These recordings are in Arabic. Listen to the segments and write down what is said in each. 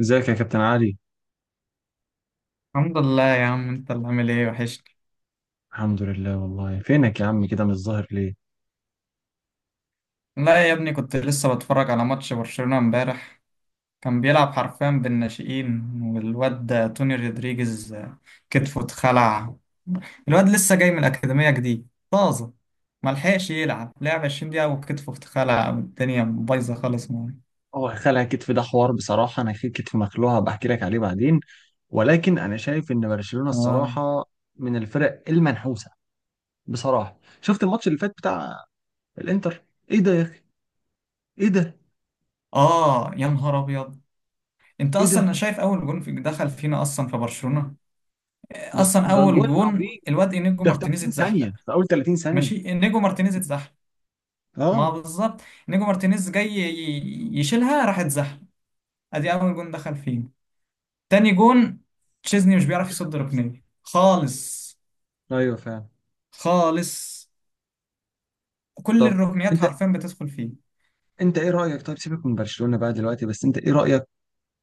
ازيك يا كابتن علي؟ الحمد لله يا عم، انت اللي عامل ايه؟ وحشني. الحمد لله والله. فينك يا عم؟ كده مش ظاهر ليه. لا يا ابني، كنت لسه بتفرج على ماتش برشلونة امبارح. كان بيلعب حرفيا بالناشئين، والواد ده توني رودريجيز كتفه اتخلع. الواد لسه جاي من الأكاديمية جديد طازة، ملحقش يلعب. لعب 20 دقيقة وكتفه اتخلع والدنيا بايظة خالص معاه. هو خلع كتف ده حوار، بصراحة أنا في كتف مخلوع، هبقى أحكي لك عليه بعدين. ولكن أنا شايف إن برشلونة اه. الصراحة من الفرق المنحوسة. بصراحة شفت الماتش اللي فات بتاع الإنتر. إيه ده يا أخي؟ إيه ده؟ اه يا نهار أبيض، انت إيه ده؟ اصلا شايف اول جون في دخل فينا اصلا في برشلونة؟ لا اصلا ده اول جول جون عظيم، الواد انيجو ده في مارتينيز 30 ثانية، اتزحلق. في أول 30 ثانية. ماشي، انيجو مارتينيز اتزحلق. ما آه. بالظبط، نيجو مارتينيز جاي يشيلها راح اتزحلق، ادي اول جون دخل فيه. تاني جون، تشيزني مش بيعرف يصد ركنيه خالص. أيوه فعلا. خالص، كل طب الركنيات أنت حرفيا بتدخل فيه. أنت إيه رأيك؟ طيب سيبك من برشلونة بقى دلوقتي، بس أنت إيه رأيك؟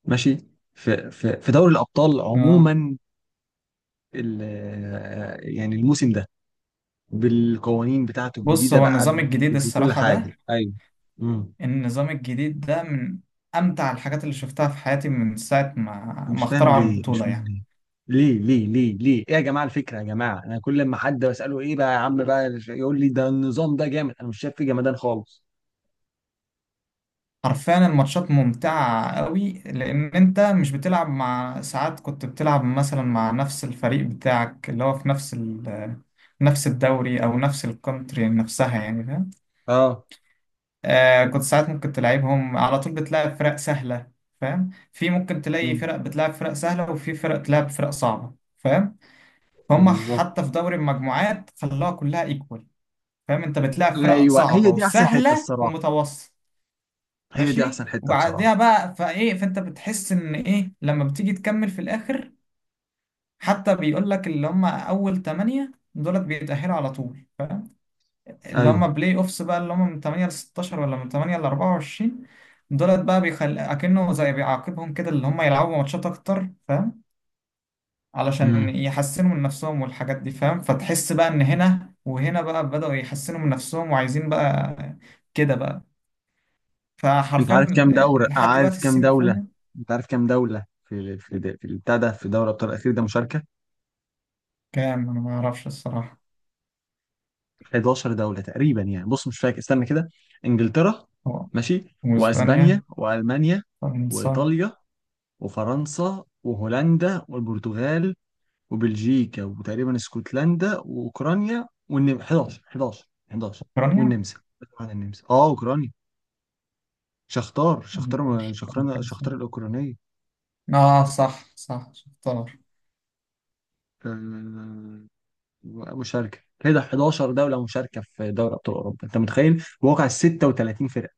ماشي. في دوري الأبطال اه. عموما، ال- يعني الموسم ده بالقوانين بتاعته بص، الجديدة هو بقى، النظام الجديد بكل الصراحة ده، حاجة، أيوه. امم النظام الجديد ده من امتع الحاجات اللي شفتها في حياتي من ساعة ما مش فاهم اخترعوا ليه، مش البطولة فاهم يعني. ليه ليه ليه ليه ليه؟ ايه يا جماعه الفكره؟ يا جماعه انا كل ما حد بساله ايه بقى يا عم بقى يقول لي ده النظام ده جامد، انا مش شايف فيه جمدان خالص. حرفيا الماتشات ممتعة قوي، لأن أنت مش بتلعب مع ساعات كنت بتلعب مثلا مع نفس الفريق بتاعك اللي هو في نفس الدوري أو نفس الكونتري نفسها، يعني فاهم. اه. آه، كنت ساعات ممكن تلعبهم على طول بتلعب فرق سهلة. فاهم، في ممكن تلاقي امم فرق بتلعب فرق سهلة وفي فرق تلعب فرق صعبة فاهم. فهم، بالظبط. حتى في دوري المجموعات خلاها كلها ايكوال. فاهم، أنت بتلعب فرق ايوه، صعبة هي دي احسن حته وسهلة الصراحه، ومتوسط. هي دي ماشي، احسن حته بصراحه. وبعديها بقى فايه، فانت بتحس ان ايه لما بتيجي تكمل في الاخر. حتى بيقول لك اللي هم اول 8 دولت بيتأهلوا على طول، اللي ايوه. هم بلاي اوفس بقى اللي هم من 8 ل 16 ولا من 8 ل 24 دولت بقى، بيخل اكنه زي بيعاقبهم كده، اللي هم يلعبوا ماتشات اكتر فاهم، علشان امم يحسنوا من نفسهم والحاجات دي. فاهم، فتحس بقى ان هنا وهنا بقى بدأوا يحسنوا من نفسهم وعايزين بقى كده بقى. انت فحرفيا عارف كام دوره؟ لحد عارف دلوقتي كام السيمي. دوله؟ انت عارف كام دوله في البتاع ده، في دوري ابطال الاخير ده مشاركه؟ كام؟ أنا ما أعرفش الصراحة. 11 دولة تقريبا يعني. بص مش فاكر، استنى كده. انجلترا، هو، ماشي، وإسبانيا، واسبانيا والمانيا فرنسا، وايطاليا وفرنسا وهولندا والبرتغال وبلجيكا وتقريبا اسكتلندا واوكرانيا والنمسا. 11 11 11. أوكرانيا. والنمسا، طبعا النمسا، اه اوكرانيا. شختار شختار مش فاكر شختار شختار الصراحة. الاوكرانيه. آه صح صح، شفت دولار. آه. مشاركه كده 11 دوله مشاركه في دوري ابطال اوروبا، انت متخيل؟ واقع 36 فرقه.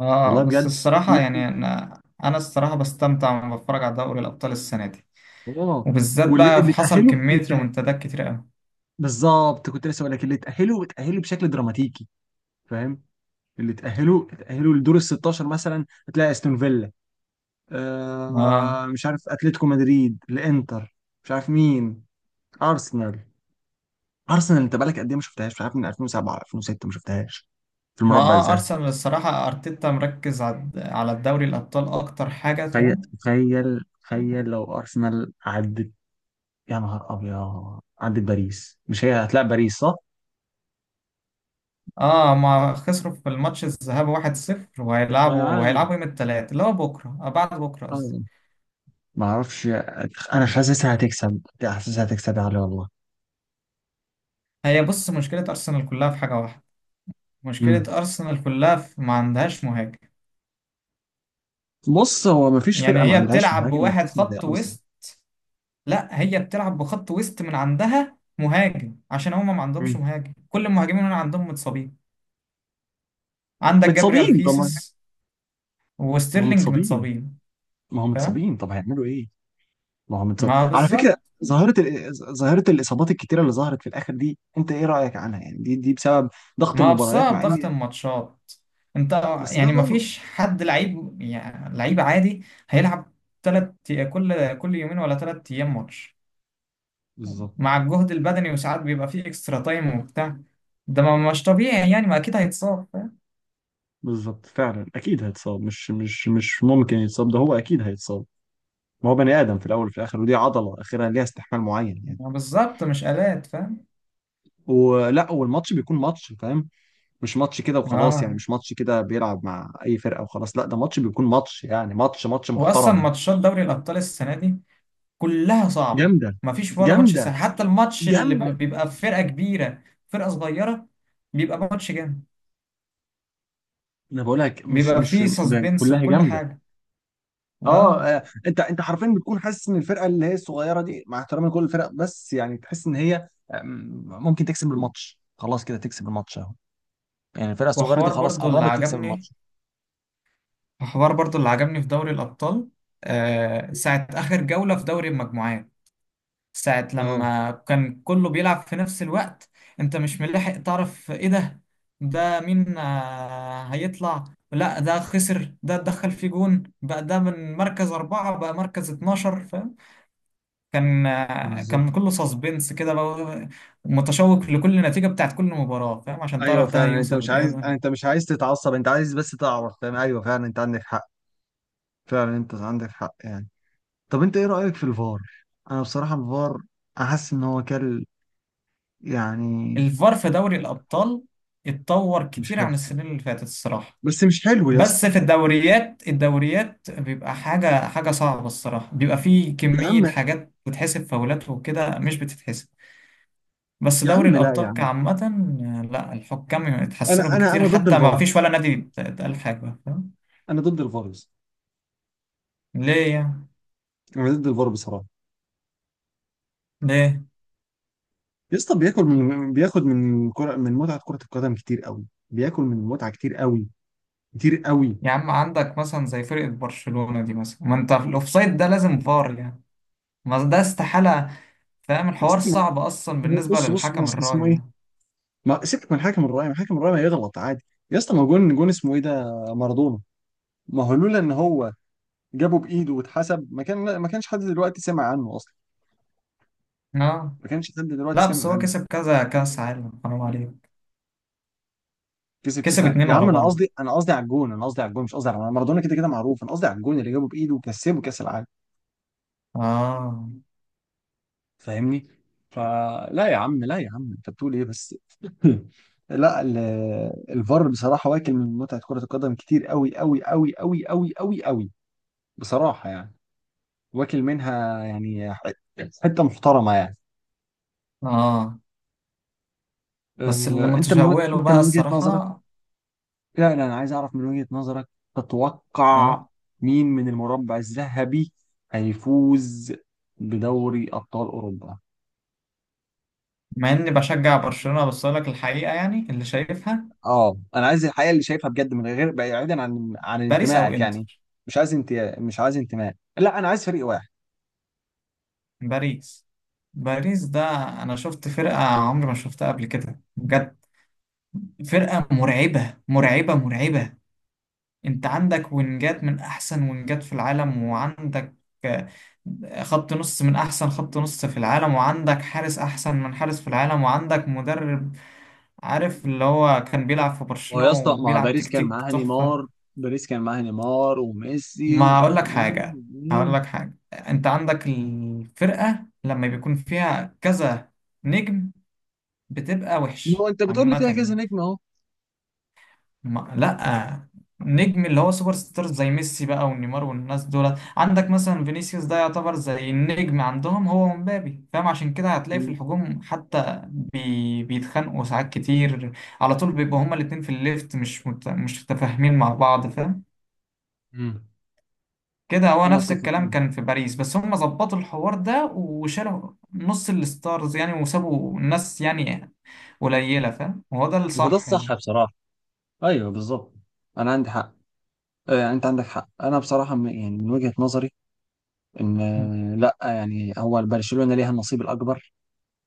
آه، والله بس بجد. الصراحة يعني أنا الصراحة بستمتع وأنا بتفرج على دوري الأبطال السنة دي، اه. وبالذات واللي بقى في اللي حصل تأهله، اللي كمية تأهله، ريمونتادات كتير أوي. بالظبط، كنت لسه بقول لك اللي تأهله تأهله بشكل دراماتيكي، فاهم. اللي تأهله تأهله لدور ال 16 مثلا، هتلاقي استون فيلا، ما آه مش عارف، اتلتيكو مدريد، الانتر، مش عارف مين، ارسنال. ارسنال انت بقالك قد ايه ما شفتهاش؟ مش عارف، من 2007 2006 ما شفتهاش في ما المربع آه، الذهبي. أرسنال الصراحة أرتيتا مركز على الدوري الأبطال أكتر حاجة تخيل فاهم. تخيل تخيل لو ارسنال عدت، يا نهار ابيض، عدت باريس. مش هي هتلاقي باريس صح؟ اه، ما خسروا في الماتش الذهاب 1-0، ما انا وهيلعبوا عارف، هيلعبوا يوم الثلاث اللي هو بكرة، آه بعد بكرة قصدي. ما اعرفش. انا حاسسها هتكسب، حاسسها هتكسب يا علي والله. هي بص، مشكلة أرسنال كلها في حاجة واحدة. مشكلة امم أرسنال كلها في ما عندهاش مهاجم، بص، هو ما فيش يعني فرقه ما هي عندهاش بتلعب مهاجم بواحد يتسم زي خط ارسنال. وسط. لا، هي بتلعب بخط وسط من عندها مهاجم عشان هما ما عندهمش امم مهاجم. كل المهاجمين اللي عندهم متصابين. عندك جابريال متصابين طبعا. خيسوس ما هم وستيرلينج متصابين، متصابين ما هم فاهم، متصابين، طب هيعملوا ايه؟ ما هم متصابين ما على فكره. بالظبط. ظاهره الاصابات الكتيره اللي ظهرت في الاخر دي، انت ايه رايك عنها يعني؟ دي بسبب ضغط ما المباريات، بسبب مع ان ضغط الماتشات انت، بس ده يعني ما غلط. فيش حد لعيب يعني، لعيب عادي هيلعب تلات، كل يومين ولا تلات أيام ماتش، بالظبط. مع الجهد البدني وساعات بيبقى فيه اكسترا تايم وبتاع. ده ما مش طبيعي يعني، ما اكيد هيتصاب فاهم، بالظبط فعلا، اكيد هيتصاب، مش ممكن يتصاب، ده هو اكيد هيتصاب. ما هو بني ادم في الاول وفي الاخر، ودي عضله اخرها ليها استحمال معين يعني. ما بالظبط، مش آلات فاهم. والماتش بيكون ماتش، فاهم. مش ماتش كده وخلاص يعني، اه، مش ماتش كده بيلعب مع اي فرقه وخلاص. لا، ده ماتش بيكون ماتش يعني، ماتش ماتش واصلا محترم. ماتشات دوري الابطال السنه دي كلها صعبه. جامده، ما فيش ولا ماتش جامده، سهل، حتى الماتش اللي جامده. بيبقى في فرقه كبيره فرقه صغيره بيبقى ماتش جامد، انا بقول لك، مش بيبقى مش فيه ده سسبنس كلها وكل جامده. حاجه. اه، اه. آه. انت حرفيا بتكون حاسس ان الفرقه اللي هي الصغيره دي، مع احترامي لكل الفرق بس يعني تحس ان هي، ممكن تكسب الماتش، خلاص كده تكسب الماتش اهو. يعني الفرقه الصغيره دي وحوار خلاص برضو اللي قربت تكسب عجبني، الماتش. حوار برضو اللي عجبني في دوري الابطال، آه ساعه اخر جوله في دوري المجموعات، ساعة اه. لما كان كله بيلعب في نفس الوقت. انت مش ملاحق تعرف، ايه ده، ده مين، آه، هيطلع، لا ده خسر، ده اتدخل في جون بقى، ده من مركز أربعة بقى مركز 12 فاهم. كان آه، بالظبط. كان كله سسبنس كده بقى. متشوق لكل نتيجة بتاعت كل مباراة فاهم، عشان ايوه تعرف ده فعلا، هيوصل لإيه ده. انت مش عايز تتعصب، انت عايز بس تعرف، فاهم. ايوه فعلا انت عندك حق، فعلا انت عندك حق يعني. طب انت ايه رأيك في الفار؟ انا بصراحة الفار احس ان هو كل يعني، الفار في دوري الأبطال اتطور مش كتير حلو، عن السنين اللي فاتت الصراحة. بس مش حلو يا اسطى. بس في الدوريات بيبقى حاجة صعبة الصراحة، بيبقى فيه يا كمية عم، حاجات بتتحسب فاولات وكده مش بتتحسب. بس يا دوري عم، لا يا الأبطال عم، كعامة آه، لا الحكام انا اتحسنوا انا بكتير، انا ضد حتى ما الفار. فيش ولا نادي اتقال حاجة فاهم. انا ضد الفار يا اسطى. ليه يعني؟ انا ضد الفار بصراحة. ليه؟ يا اسطى بياكل من بياخد من كرة، من متعة كرة القدم كتير قوي. بياكل من المتعة كتير قوي، كتير قوي. يا عم عندك مثلا زي فرقة برشلونة دي، مثلا ما انت في الأوفسايد ده لازم فار يعني، ما ده استحالة. فاهم يا الحوار اسطى، صعب أصلا بالنسبة بص بص للحكم بص، الراية اسمه ايه. يعني. ما سيبك من حكم الرعاية، ما حكم الرعاية يغلط عادي. يا اسطى ما جون، اسمه ايه ده؟ مارادونا. ما هو لولا ان هو جابه بايده واتحسب، ما كانش حد دلوقتي سمع عنه اصلا، اه. ما كانش حد دلوقتي لا بس سمع هو عنه. كسب كذا كأس عالم حرام عليك، كسب كاس. كسب اتنين يا عم ورا بعض. انا قصدي على الجون، انا قصدي على الجون، مش قصدي على مارادونا، كده كده معروف. انا قصدي على الجون اللي جابه بايده وكسبه كاس العالم، اه. فاهمني؟ فلا يا عم، لا يا عم، انت بتقول ايه بس؟ لا ال- الفار بصراحة واكل من متعة كرة القدم كتير قوي قوي قوي قوي قوي قوي قوي بصراحة يعني، واكل منها يعني حته محترمه يعني. اه، بس اللي أه. متشوق له انت بقى من وجهه نظرك، الصراحة. لا لا، انا عايز اعرف من وجهه نظرك. اه، تتوقع مين من المربع الذهبي هيفوز بدوري ابطال اوروبا؟ مع اني بشجع برشلونة بس اقول لك الحقيقة يعني اللي شايفها، اه، انا عايز الحقيقه اللي شايفها بجد من غير، بعيدا عن باريس او انتمائك يعني، انتر. مش عايز، انت مش عايز انتماء، لا انا عايز فريق واحد. باريس باريس ده انا شفت فرقة عمري ما شفتها قبل كده بجد، فرقة مرعبة مرعبة مرعبة. انت عندك وينجات من احسن وينجات في العالم، وعندك آه، خط نص من احسن خط نص في العالم، وعندك حارس احسن من حارس في العالم، وعندك مدرب، عارف اللي هو كان بيلعب في هو برشلونة يا اسطى ما هو وبيلعب باريس كان تكتيك معاها تحفة. نيمار، باريس كان معاها نيمار وميسي ما ومش عارف اقول لك مين حاجة، هقول ومين. لك حاجة، انت عندك الفرقة لما بيكون فيها كذا نجم بتبقى ما هو وحش انت بتقول لي عامة فيها كذا يعني. نجم اهو. ما لا، نجم اللي هو سوبر ستارز زي ميسي بقى ونيمار والناس دولت، عندك مثلا فينيسيوس ده يعتبر زي النجم عندهم هو ومبابي، فاهم، عشان كده هتلاقي في الهجوم حتى بي بيتخانقوا ساعات كتير، على طول بيبقوا هما الاتنين في الليفت مش مش متفاهمين مع بعض فاهم. مم. كده هو انا نفس اتفق الكلام كان معاك. في باريس، بس هما ظبطوا الحوار ده وشالوا نص الستارز يعني، وسابوا الناس يعني قليلة فاهم، وهو ده وده الصح الصح يعني. بصراحه. ايوه بالظبط. انا عندي حق. آه، يعني انت عندك حق، انا بصراحه، يعني من وجهه نظري ان، لا يعني هو برشلونه ليها النصيب الاكبر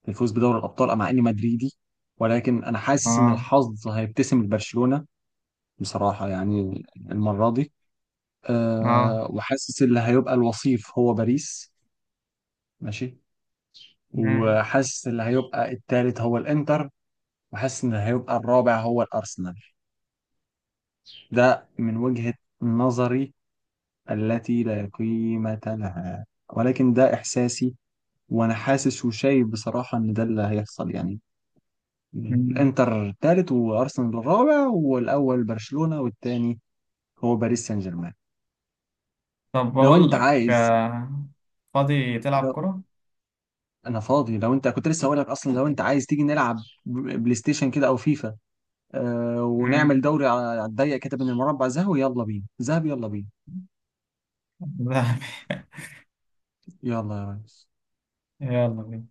في الفوز بدوري الابطال مع اني مدريدي، ولكن انا حاسس ان اه. الحظ هيبتسم لبرشلونه بصراحه يعني المره دي. اه. أه وحاسس اللي هيبقى الوصيف هو باريس. ماشي. وحاسس اللي هيبقى الثالث هو الانتر. وحاسس ان هيبقى الرابع هو الارسنال. ده من وجهة نظري التي لا قيمة لها، ولكن ده إحساسي، وأنا حاسس وشايف بصراحة إن ده اللي هيحصل يعني. مم. الإنتر الثالث وأرسنال الرابع والأول برشلونة والتاني هو باريس سان جيرمان. طب لو بقول أنت لك عايز، آه، فاضي تلعب لو كرة؟ أنا فاضي، لو أنت كنت لسه هقول لك أصلا، لو أنت عايز تيجي نلعب بلاي ستيشن كده أو فيفا، آه امم. ونعمل دوري على الضيق كده بين المربع ذهبي. يلا بينا ذهبي، يلا بينا. لا. يلا يا ريس. يلا بينا.